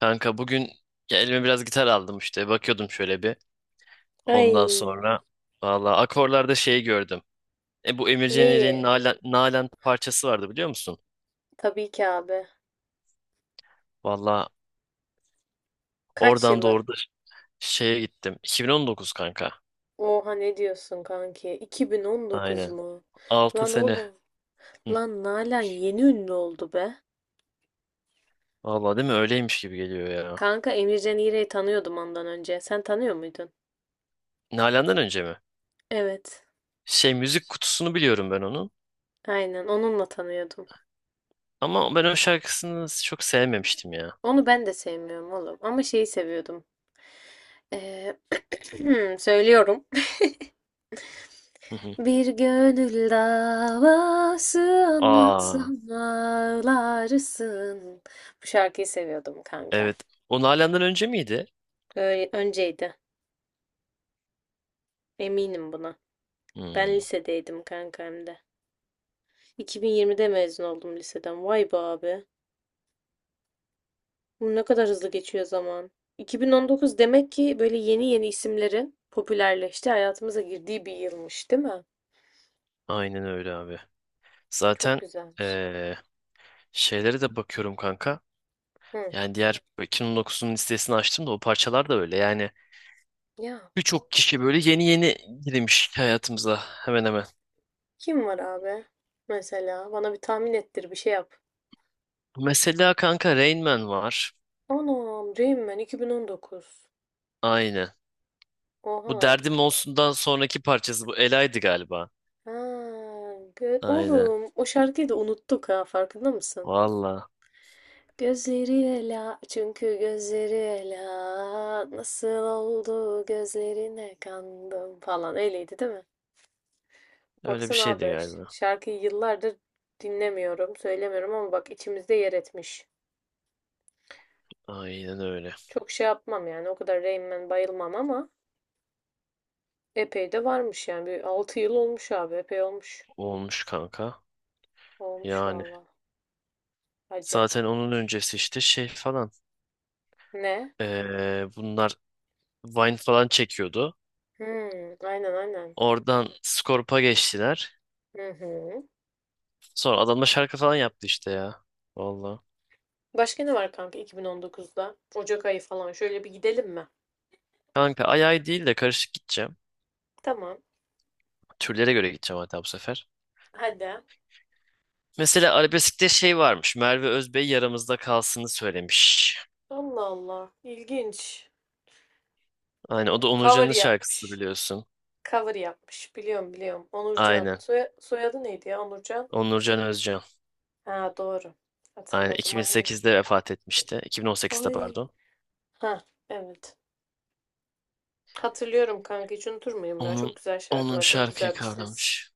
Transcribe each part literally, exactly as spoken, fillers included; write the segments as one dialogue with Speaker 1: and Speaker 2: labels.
Speaker 1: Kanka bugün ya elime biraz gitar aldım işte. Bakıyordum şöyle bir. Ondan
Speaker 2: Ay,
Speaker 1: sonra valla akorlarda şey gördüm. E bu Emircan İrik'in
Speaker 2: Lee.
Speaker 1: Nalan, Nalan parçası vardı biliyor musun?
Speaker 2: Tabii ki abi.
Speaker 1: Valla
Speaker 2: Kaç
Speaker 1: oradan
Speaker 2: yılı?
Speaker 1: doğru da şeye gittim. iki bin on dokuz kanka.
Speaker 2: Oha ne diyorsun kanki? iki bin on dokuz
Speaker 1: Aynen.
Speaker 2: mu?
Speaker 1: Altı
Speaker 2: Lan
Speaker 1: sene.
Speaker 2: oğlum.
Speaker 1: Hı.
Speaker 2: Lan Nalan yeni ünlü oldu be.
Speaker 1: Valla değil mi? Öyleymiş gibi geliyor ya.
Speaker 2: Kanka Emircan İğrek'i tanıyordum ondan önce. Sen tanıyor muydun?
Speaker 1: Nalan'dan önce mi?
Speaker 2: Evet.
Speaker 1: Şey müzik kutusunu biliyorum ben onun.
Speaker 2: Aynen onunla tanıyordum.
Speaker 1: Ama ben o şarkısını çok sevmemiştim ya.
Speaker 2: Onu ben de sevmiyorum oğlum. Ama şeyi seviyordum. Ee, söylüyorum.
Speaker 1: Hı hı.
Speaker 2: Bir gönül davası
Speaker 1: Aa,
Speaker 2: anlatsam ağlarsın. Bu şarkıyı seviyordum kanka.
Speaker 1: evet. O Nalan'dan önce miydi?
Speaker 2: Öyle önceydi. Eminim buna. Ben
Speaker 1: Hmm,
Speaker 2: lisedeydim kanka hem de. iki bin yirmide mezun oldum liseden. Vay be abi. Bu ne kadar hızlı geçiyor zaman. iki bin on dokuz demek ki böyle yeni yeni isimlerin popülerleşti, hayatımıza girdiği bir yılmış, değil mi?
Speaker 1: aynen öyle abi.
Speaker 2: Çok
Speaker 1: Zaten
Speaker 2: güzelmiş.
Speaker 1: eee, şeylere de bakıyorum kanka.
Speaker 2: Hı.
Speaker 1: Yani diğer iki bin on dokuzun listesini açtım da o parçalar da öyle. Yani
Speaker 2: Ya
Speaker 1: birçok kişi böyle yeni yeni girmiş hayatımıza hemen hemen.
Speaker 2: kim var abi? Mesela bana bir tahmin ettir, bir şey yap.
Speaker 1: Mesela kanka Rain Man var.
Speaker 2: Anam, Rain Man iki bin on dokuz.
Speaker 1: Aynen.
Speaker 2: Oha
Speaker 1: Bu
Speaker 2: lan.
Speaker 1: Derdim Olsun'dan sonraki parçası bu Ela'ydı galiba.
Speaker 2: Ha, gö-
Speaker 1: Aynen.
Speaker 2: oğlum o şarkıyı da unuttuk ha farkında mısın?
Speaker 1: Valla.
Speaker 2: Gözleri ela çünkü gözleri ela nasıl oldu gözlerine kandım falan öyleydi değil mi?
Speaker 1: Öyle bir
Speaker 2: Baksana
Speaker 1: şeydi
Speaker 2: abi ş-
Speaker 1: galiba.
Speaker 2: şarkıyı yıllardır dinlemiyorum söylemiyorum ama bak içimizde yer etmiş.
Speaker 1: Aynen öyle.
Speaker 2: Çok şey yapmam yani o kadar Rain Man bayılmam ama epey de varmış yani bir altı yıl olmuş abi epey olmuş.
Speaker 1: Olmuş kanka.
Speaker 2: Olmuş
Speaker 1: Yani.
Speaker 2: valla acı.
Speaker 1: Zaten onun öncesi işte şey falan.
Speaker 2: Ne?
Speaker 1: Eee, bunlar Vine falan çekiyordu.
Speaker 2: Hmm, aynen aynen.
Speaker 1: Oradan Skorp'a geçtiler.
Speaker 2: Hı hı.
Speaker 1: Sonra adamla şarkı falan yaptı işte ya. Valla.
Speaker 2: Başka ne var kanka iki bin on dokuzda? Ocak ayı falan şöyle bir gidelim mi?
Speaker 1: Kanka ay ay değil de karışık gideceğim.
Speaker 2: Tamam.
Speaker 1: Türlere göre gideceğim hatta bu sefer.
Speaker 2: Hadi.
Speaker 1: Mesela arabeskte şey varmış. Merve Özbey yaramızda kalsını söylemiş.
Speaker 2: Allah Allah. İlginç.
Speaker 1: Aynen o da
Speaker 2: Hmm, cover
Speaker 1: Onurcan'ın şarkısı
Speaker 2: yapmış.
Speaker 1: biliyorsun.
Speaker 2: Cover yapmış. Biliyorum biliyorum. Onurcan.
Speaker 1: Aynen.
Speaker 2: Soya- soyadı neydi ya Onurcan?
Speaker 1: Onurcan Özcan.
Speaker 2: Ha doğru.
Speaker 1: Aynen
Speaker 2: Hatırladım aynen.
Speaker 1: iki bin sekizde vefat etmişti. iki bin on sekizde
Speaker 2: Ay.
Speaker 1: pardon.
Speaker 2: Ha evet. Hatırlıyorum kanka. Hiç unutur muyum ya? Çok
Speaker 1: Onun
Speaker 2: güzel
Speaker 1: onun
Speaker 2: şarkılar. Çok güzel
Speaker 1: şarkıyı
Speaker 2: bir ses.
Speaker 1: kavramış.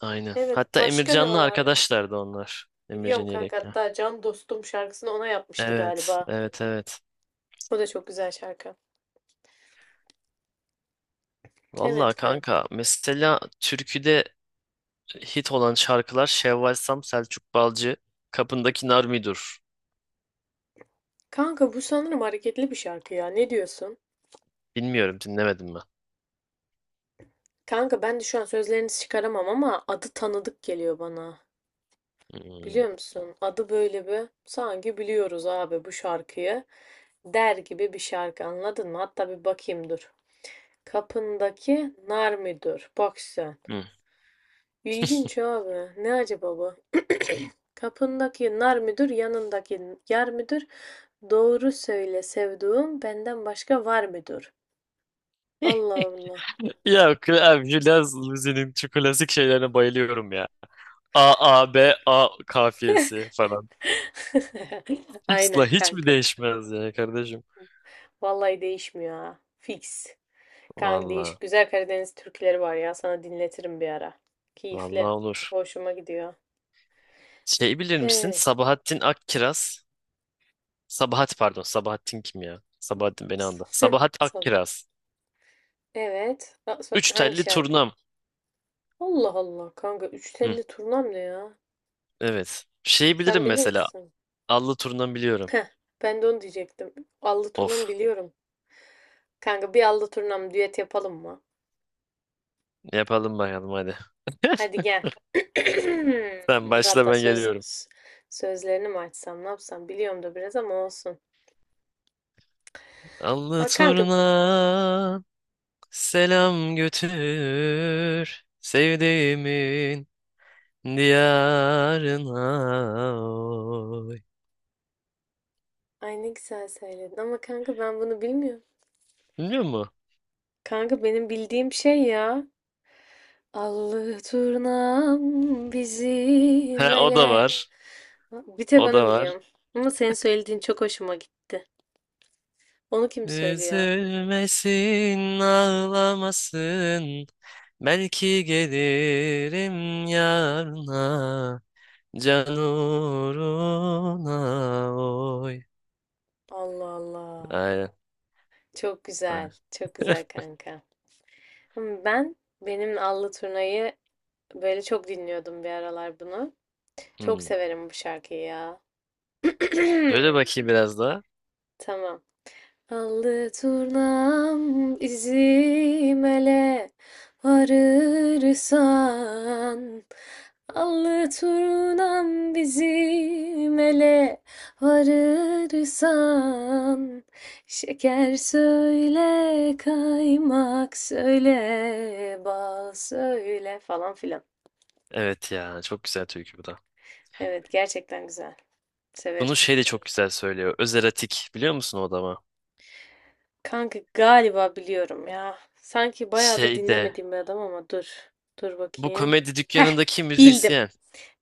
Speaker 1: Aynen.
Speaker 2: Evet.
Speaker 1: Hatta
Speaker 2: Başka ne var
Speaker 1: Emircan'la
Speaker 2: abi?
Speaker 1: arkadaşlardı onlar.
Speaker 2: Biliyorum
Speaker 1: Emircan
Speaker 2: kanka.
Speaker 1: Yelek'le.
Speaker 2: Hatta Can Dostum şarkısını ona yapmıştı
Speaker 1: Evet,
Speaker 2: galiba.
Speaker 1: evet, evet.
Speaker 2: O da çok güzel şarkı. Evet
Speaker 1: Vallahi kanka
Speaker 2: kankim.
Speaker 1: mesela türküde hit olan şarkılar Şevval Sam, Selçuk Balcı, Kapındaki Nar Midur.
Speaker 2: Kanka bu sanırım hareketli bir şarkı ya. Ne diyorsun?
Speaker 1: Bilmiyorum dinlemedim mi?
Speaker 2: Kanka ben de şu an sözlerinizi çıkaramam ama adı tanıdık geliyor bana.
Speaker 1: Hmm.
Speaker 2: Biliyor musun? Adı böyle bir sanki biliyoruz abi bu şarkıyı der gibi bir şarkı anladın mı? Hatta bir bakayım dur. Kapındaki nar müdür? Bak sen.
Speaker 1: Hmm.
Speaker 2: İlginç abi. Ne acaba bu? Kapındaki nar müdür, yanındaki yar müdür? Doğru söyle sevduğum benden başka var müdür? Allah Allah.
Speaker 1: Ya Abjülaz Luzi'nin şu klasik şeylerine bayılıyorum ya. A, A, B, A kafiyesi falan. X'la
Speaker 2: Aynen
Speaker 1: hiç mi
Speaker 2: kanka.
Speaker 1: değişmez ya kardeşim?
Speaker 2: Vallahi değişmiyor ha. Fix. Kanka
Speaker 1: Valla,
Speaker 2: değişik güzel Karadeniz türküleri var ya. Sana dinletirim bir ara.
Speaker 1: valla
Speaker 2: Keyifli.
Speaker 1: olur.
Speaker 2: Hoşuma gidiyor.
Speaker 1: Şey bilir misin?
Speaker 2: Evet.
Speaker 1: Sabahattin Akkiraz. Sabahat pardon, Sabahattin kim ya? Sabahattin beni anla. Sabahat
Speaker 2: Son.
Speaker 1: Akkiraz.
Speaker 2: Evet. Ha- so-
Speaker 1: Üç
Speaker 2: Hangi
Speaker 1: telli
Speaker 2: şarkı?
Speaker 1: turnam.
Speaker 2: Allah Allah kanka. Üç
Speaker 1: Hı,
Speaker 2: telli turnam ne ya?
Speaker 1: evet. Şeyi
Speaker 2: Sen
Speaker 1: bilirim
Speaker 2: bilir
Speaker 1: mesela.
Speaker 2: misin?
Speaker 1: Allı turundan biliyorum.
Speaker 2: Heh, ben de onu diyecektim. Allı
Speaker 1: Of.
Speaker 2: turnam biliyorum. Kanka bir allı turnam düet yapalım mı?
Speaker 1: Yapalım bakalım hadi.
Speaker 2: Hadi gel.
Speaker 1: Sen
Speaker 2: Dur
Speaker 1: başla
Speaker 2: hatta
Speaker 1: ben
Speaker 2: söz
Speaker 1: geliyorum.
Speaker 2: s- sözlerini mi açsam ne yapsam biliyorum da biraz ama olsun.
Speaker 1: Allı
Speaker 2: Aa, kanka
Speaker 1: turna selam götür sevdiğimin diyarına. Oy.
Speaker 2: ay ne güzel söyledin ama kanka ben bunu bilmiyorum.
Speaker 1: Biliyor musun?
Speaker 2: Kanka benim bildiğim şey ya. Allı turnam
Speaker 1: He,
Speaker 2: bizim
Speaker 1: o da
Speaker 2: ele.
Speaker 1: var.
Speaker 2: Bir tek
Speaker 1: O da
Speaker 2: onu
Speaker 1: var.
Speaker 2: biliyorum. Ama senin söylediğin çok hoşuma gitti. Onu kim söylüyor?
Speaker 1: Üzülmesin, ağlamasın. Belki gelirim yarına. Can uğruna oy.
Speaker 2: Allah Allah.
Speaker 1: Aynen.
Speaker 2: Çok güzel.
Speaker 1: Aynen.
Speaker 2: Çok güzel kanka. Ama Ben benim Allı Turna'yı böyle çok dinliyordum bir aralar bunu. Çok
Speaker 1: Hmm.
Speaker 2: severim bu şarkıyı ya.
Speaker 1: Böyle bakayım biraz daha.
Speaker 2: Tamam. Allı turnam izimele varırsan Allı turnam bizim ele varırsan Şeker söyle, kaymak söyle, bal söyle falan filan.
Speaker 1: Evet ya çok güzel türkü bu da.
Speaker 2: Evet gerçekten güzel. Severim.
Speaker 1: Bunu şey de çok güzel söylüyor. Öz erotik biliyor musun o adamı?
Speaker 2: Kanka galiba biliyorum ya. Sanki bayağıdır
Speaker 1: Şey de
Speaker 2: dinlemediğim bir adam ama dur. Dur
Speaker 1: bu
Speaker 2: bakayım.
Speaker 1: komedi
Speaker 2: Heh,
Speaker 1: dükkanındaki
Speaker 2: bildim.
Speaker 1: müzisyen.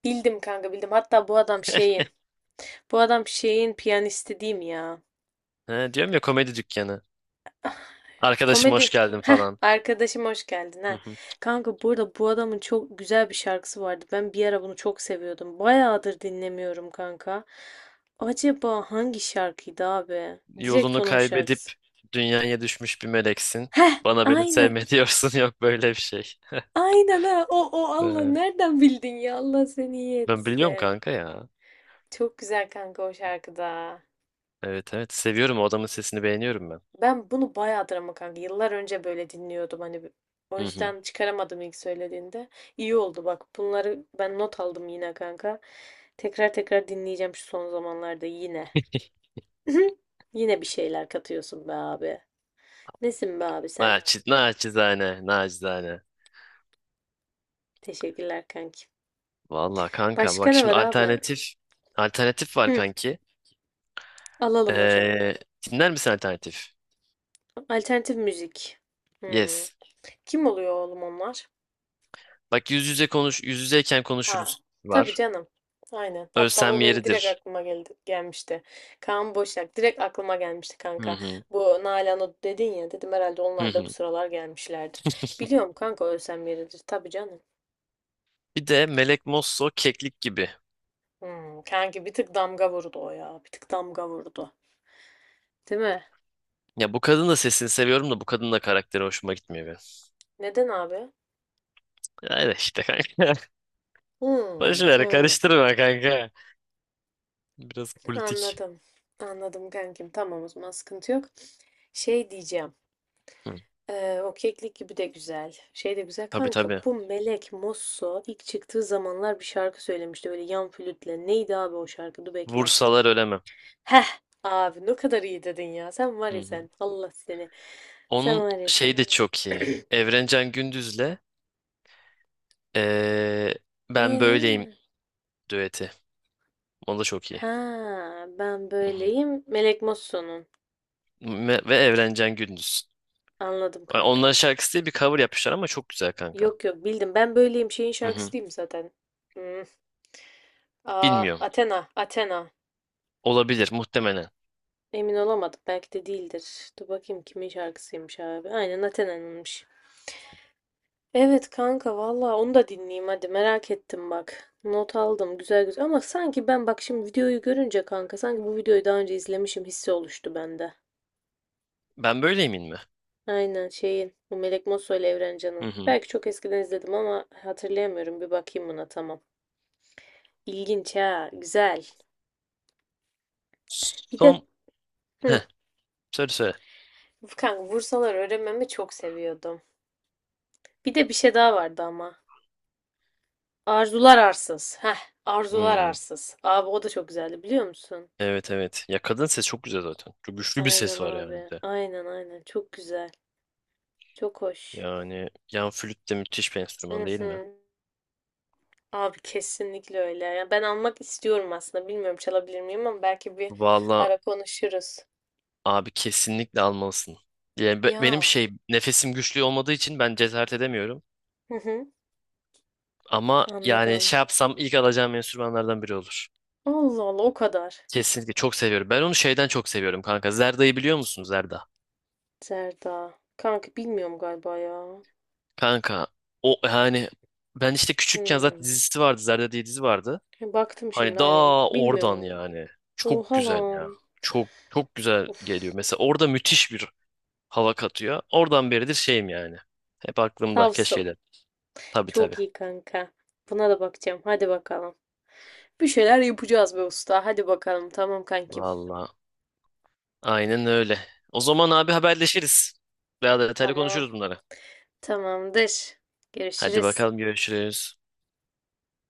Speaker 2: Bildim kanka bildim. Hatta bu adam şeyin. Bu adam şeyin piyanisti değil mi ya?
Speaker 1: He, diyorum ya komedi dükkanı. Arkadaşım hoş
Speaker 2: Komedi.
Speaker 1: geldin
Speaker 2: Heh,
Speaker 1: falan.
Speaker 2: arkadaşım hoş geldin
Speaker 1: Hı
Speaker 2: ha.
Speaker 1: hı.
Speaker 2: Kanka burada bu adamın çok güzel bir şarkısı vardı. Ben bir ara bunu çok seviyordum. Bayağıdır dinlemiyorum kanka. Acaba hangi şarkıydı abi? Direkt
Speaker 1: Yolunu
Speaker 2: onun
Speaker 1: kaybedip
Speaker 2: şarkısı.
Speaker 1: dünyaya düşmüş bir meleksin.
Speaker 2: Heh,
Speaker 1: Bana beni
Speaker 2: aynen.
Speaker 1: sevme diyorsun yok böyle bir şey.
Speaker 2: Aynen ha. O, o Allah
Speaker 1: Ee,
Speaker 2: nereden bildin ya? Allah seni iyi
Speaker 1: ben biliyorum
Speaker 2: etsin.
Speaker 1: kanka ya.
Speaker 2: Çok güzel kanka o şarkıda.
Speaker 1: Evet, evet, seviyorum o adamın sesini beğeniyorum ben.
Speaker 2: Ben bunu bayağıdır ama kanka. Yıllar önce böyle dinliyordum hani. O
Speaker 1: Hı hı.
Speaker 2: yüzden çıkaramadım ilk söylediğinde. İyi oldu bak. Bunları ben not aldım yine kanka. Tekrar tekrar dinleyeceğim şu son zamanlarda yine. Yine bir şeyler katıyorsun be abi. Nesin be abi sen?
Speaker 1: Naçiz, naçizane, naçizane.
Speaker 2: Teşekkürler kanki.
Speaker 1: Valla kanka
Speaker 2: Başka
Speaker 1: bak
Speaker 2: ne
Speaker 1: şimdi
Speaker 2: var abi?
Speaker 1: alternatif alternatif var
Speaker 2: Hı,
Speaker 1: kanki.
Speaker 2: alalım hocam.
Speaker 1: Ee, dinler misin alternatif?
Speaker 2: Alternatif müzik. Hmm.
Speaker 1: Yes.
Speaker 2: Kim oluyor oğlum onlar?
Speaker 1: Bak yüz yüze konuş yüz yüzeyken
Speaker 2: Ha,
Speaker 1: konuşuruz
Speaker 2: tabii
Speaker 1: var.
Speaker 2: canım. Aynen. Hatta
Speaker 1: Ölsem
Speaker 2: o benim direkt
Speaker 1: yeridir.
Speaker 2: aklıma geldi, gelmişti. Kaan Boşak direkt aklıma gelmişti
Speaker 1: Hı
Speaker 2: kanka.
Speaker 1: hı.
Speaker 2: Bu Nalan'ı dedin ya dedim herhalde
Speaker 1: Hı
Speaker 2: onlar da bu
Speaker 1: hı.
Speaker 2: sıralar gelmişlerdi. Biliyorum kanka ölsem yeridir. Tabii canım.
Speaker 1: Bir de Melek Mosso keklik gibi.
Speaker 2: Hmm, kanki bir tık damga vurdu o ya. Bir tık damga vurdu. Değil mi?
Speaker 1: Ya bu kadın da sesini seviyorum da bu kadın da karakteri hoşuma gitmiyor benim.
Speaker 2: Neden abi?
Speaker 1: Öyle işte kanka.
Speaker 2: Hmm,
Speaker 1: Boş ver
Speaker 2: hmm.
Speaker 1: karıştırma kanka. Biraz politik.
Speaker 2: Anladım. Anladım kankim. Tamam o zaman sıkıntı yok. Şey diyeceğim.
Speaker 1: Hı.
Speaker 2: Eee, o keklik gibi de güzel. Şey de güzel.
Speaker 1: Tabii,
Speaker 2: Kanka
Speaker 1: tabii.
Speaker 2: bu Melek Mosso ilk çıktığı zamanlar bir şarkı söylemişti böyle yan flütle. Neydi abi o şarkı? Dur bekle.
Speaker 1: Vursalar ölemem.
Speaker 2: Heh abi ne kadar iyi dedin ya. Sen var
Speaker 1: Hı
Speaker 2: ya
Speaker 1: hı.
Speaker 2: sen. Allah seni. Sen
Speaker 1: Onun
Speaker 2: var ya
Speaker 1: şey
Speaker 2: sen.
Speaker 1: de çok iyi. Evrencan Gündüz'le eee, Ben Böyleyim
Speaker 2: Eee,
Speaker 1: düeti. O da çok iyi.
Speaker 2: ha ben
Speaker 1: Hı hı.
Speaker 2: böyleyim. Melek Mosso'nun.
Speaker 1: Me- Ve Evrencan Gündüz.
Speaker 2: Anladım
Speaker 1: Yani onların
Speaker 2: kankam.
Speaker 1: şarkısı diye bir cover yapmışlar ama çok güzel kanka.
Speaker 2: Yok yok bildim. Ben böyleyim şeyin
Speaker 1: Hı
Speaker 2: şarkısı
Speaker 1: hı.
Speaker 2: değil mi zaten? Hmm. Aa
Speaker 1: Bilmiyorum.
Speaker 2: Athena. Athena.
Speaker 1: Olabilir muhtemelen.
Speaker 2: Emin olamadım. Belki de değildir. Dur bakayım kimin şarkısıymış abi. Aynen Athena'nınmış. Evet kanka valla onu da dinleyeyim hadi merak ettim bak. Not aldım güzel güzel ama sanki ben bak şimdi videoyu görünce kanka sanki bu videoyu daha önce izlemişim hissi oluştu bende.
Speaker 1: Ben Böyleyim'in mi?
Speaker 2: Aynen şeyin bu Melek Mosso ile Evren
Speaker 1: Hı
Speaker 2: Can'ın.
Speaker 1: hı.
Speaker 2: Belki çok eskiden izledim ama hatırlayamıyorum bir bakayım buna tamam. İlginç ha güzel. Bir
Speaker 1: Son...
Speaker 2: de hı,
Speaker 1: Heh, söyle söyle.
Speaker 2: kanka vursalar öğrenmemi çok seviyordum. Bir de bir şey daha vardı ama. Arzular arsız. Heh, arzular
Speaker 1: Hmm.
Speaker 2: arsız. Abi o da çok güzeldi biliyor musun?
Speaker 1: Evet, evet. Ya kadın ses çok güzel zaten. Çok güçlü bir
Speaker 2: Aynen
Speaker 1: ses var yani bir
Speaker 2: abi.
Speaker 1: de.
Speaker 2: Aynen aynen. Çok güzel. Çok hoş.
Speaker 1: Yani yan flüt de müthiş bir enstrüman
Speaker 2: Hı
Speaker 1: değil mi?
Speaker 2: hı. Abi kesinlikle öyle. Ya ben almak istiyorum aslında. Bilmiyorum çalabilir miyim ama belki bir
Speaker 1: Valla.
Speaker 2: ara konuşuruz.
Speaker 1: Abi kesinlikle almalısın. Yani be- benim
Speaker 2: Ya.
Speaker 1: şey nefesim güçlü olmadığı için ben cesaret edemiyorum.
Speaker 2: Hı hı.
Speaker 1: Ama yani
Speaker 2: Anladım.
Speaker 1: şey yapsam ilk alacağım enstrümanlardan biri olur.
Speaker 2: Allah Allah o kadar.
Speaker 1: Kesinlikle çok seviyorum. Ben onu şeyden çok seviyorum kanka. Zerda'yı biliyor musun Zerda?
Speaker 2: Serda. Kanka bilmiyorum galiba ya.
Speaker 1: Kanka o yani ben işte küçükken
Speaker 2: Hmm.
Speaker 1: zaten dizisi vardı. Zerda diye dizi vardı.
Speaker 2: Baktım
Speaker 1: Hani
Speaker 2: şimdi aynen.
Speaker 1: daha oradan
Speaker 2: Bilmiyorum.
Speaker 1: yani. Çok
Speaker 2: Oha
Speaker 1: güzel ya.
Speaker 2: lan.
Speaker 1: Çok çok güzel geliyor.
Speaker 2: Uf.
Speaker 1: Mesela orada müthiş bir hava katıyor. Oradan beridir şeyim yani. Hep aklımda keşke
Speaker 2: Tavsın.
Speaker 1: de. Tabii, tabii.
Speaker 2: Çok iyi kanka. Buna da bakacağım. Hadi bakalım. Bir şeyler yapacağız be usta. Hadi bakalım. Tamam kankim.
Speaker 1: Vallahi. Aynen öyle. O zaman abi haberleşiriz. Daha detaylı
Speaker 2: Tamam.
Speaker 1: konuşuruz bunları.
Speaker 2: Tamamdır.
Speaker 1: Hadi
Speaker 2: Görüşürüz.
Speaker 1: bakalım görüşürüz.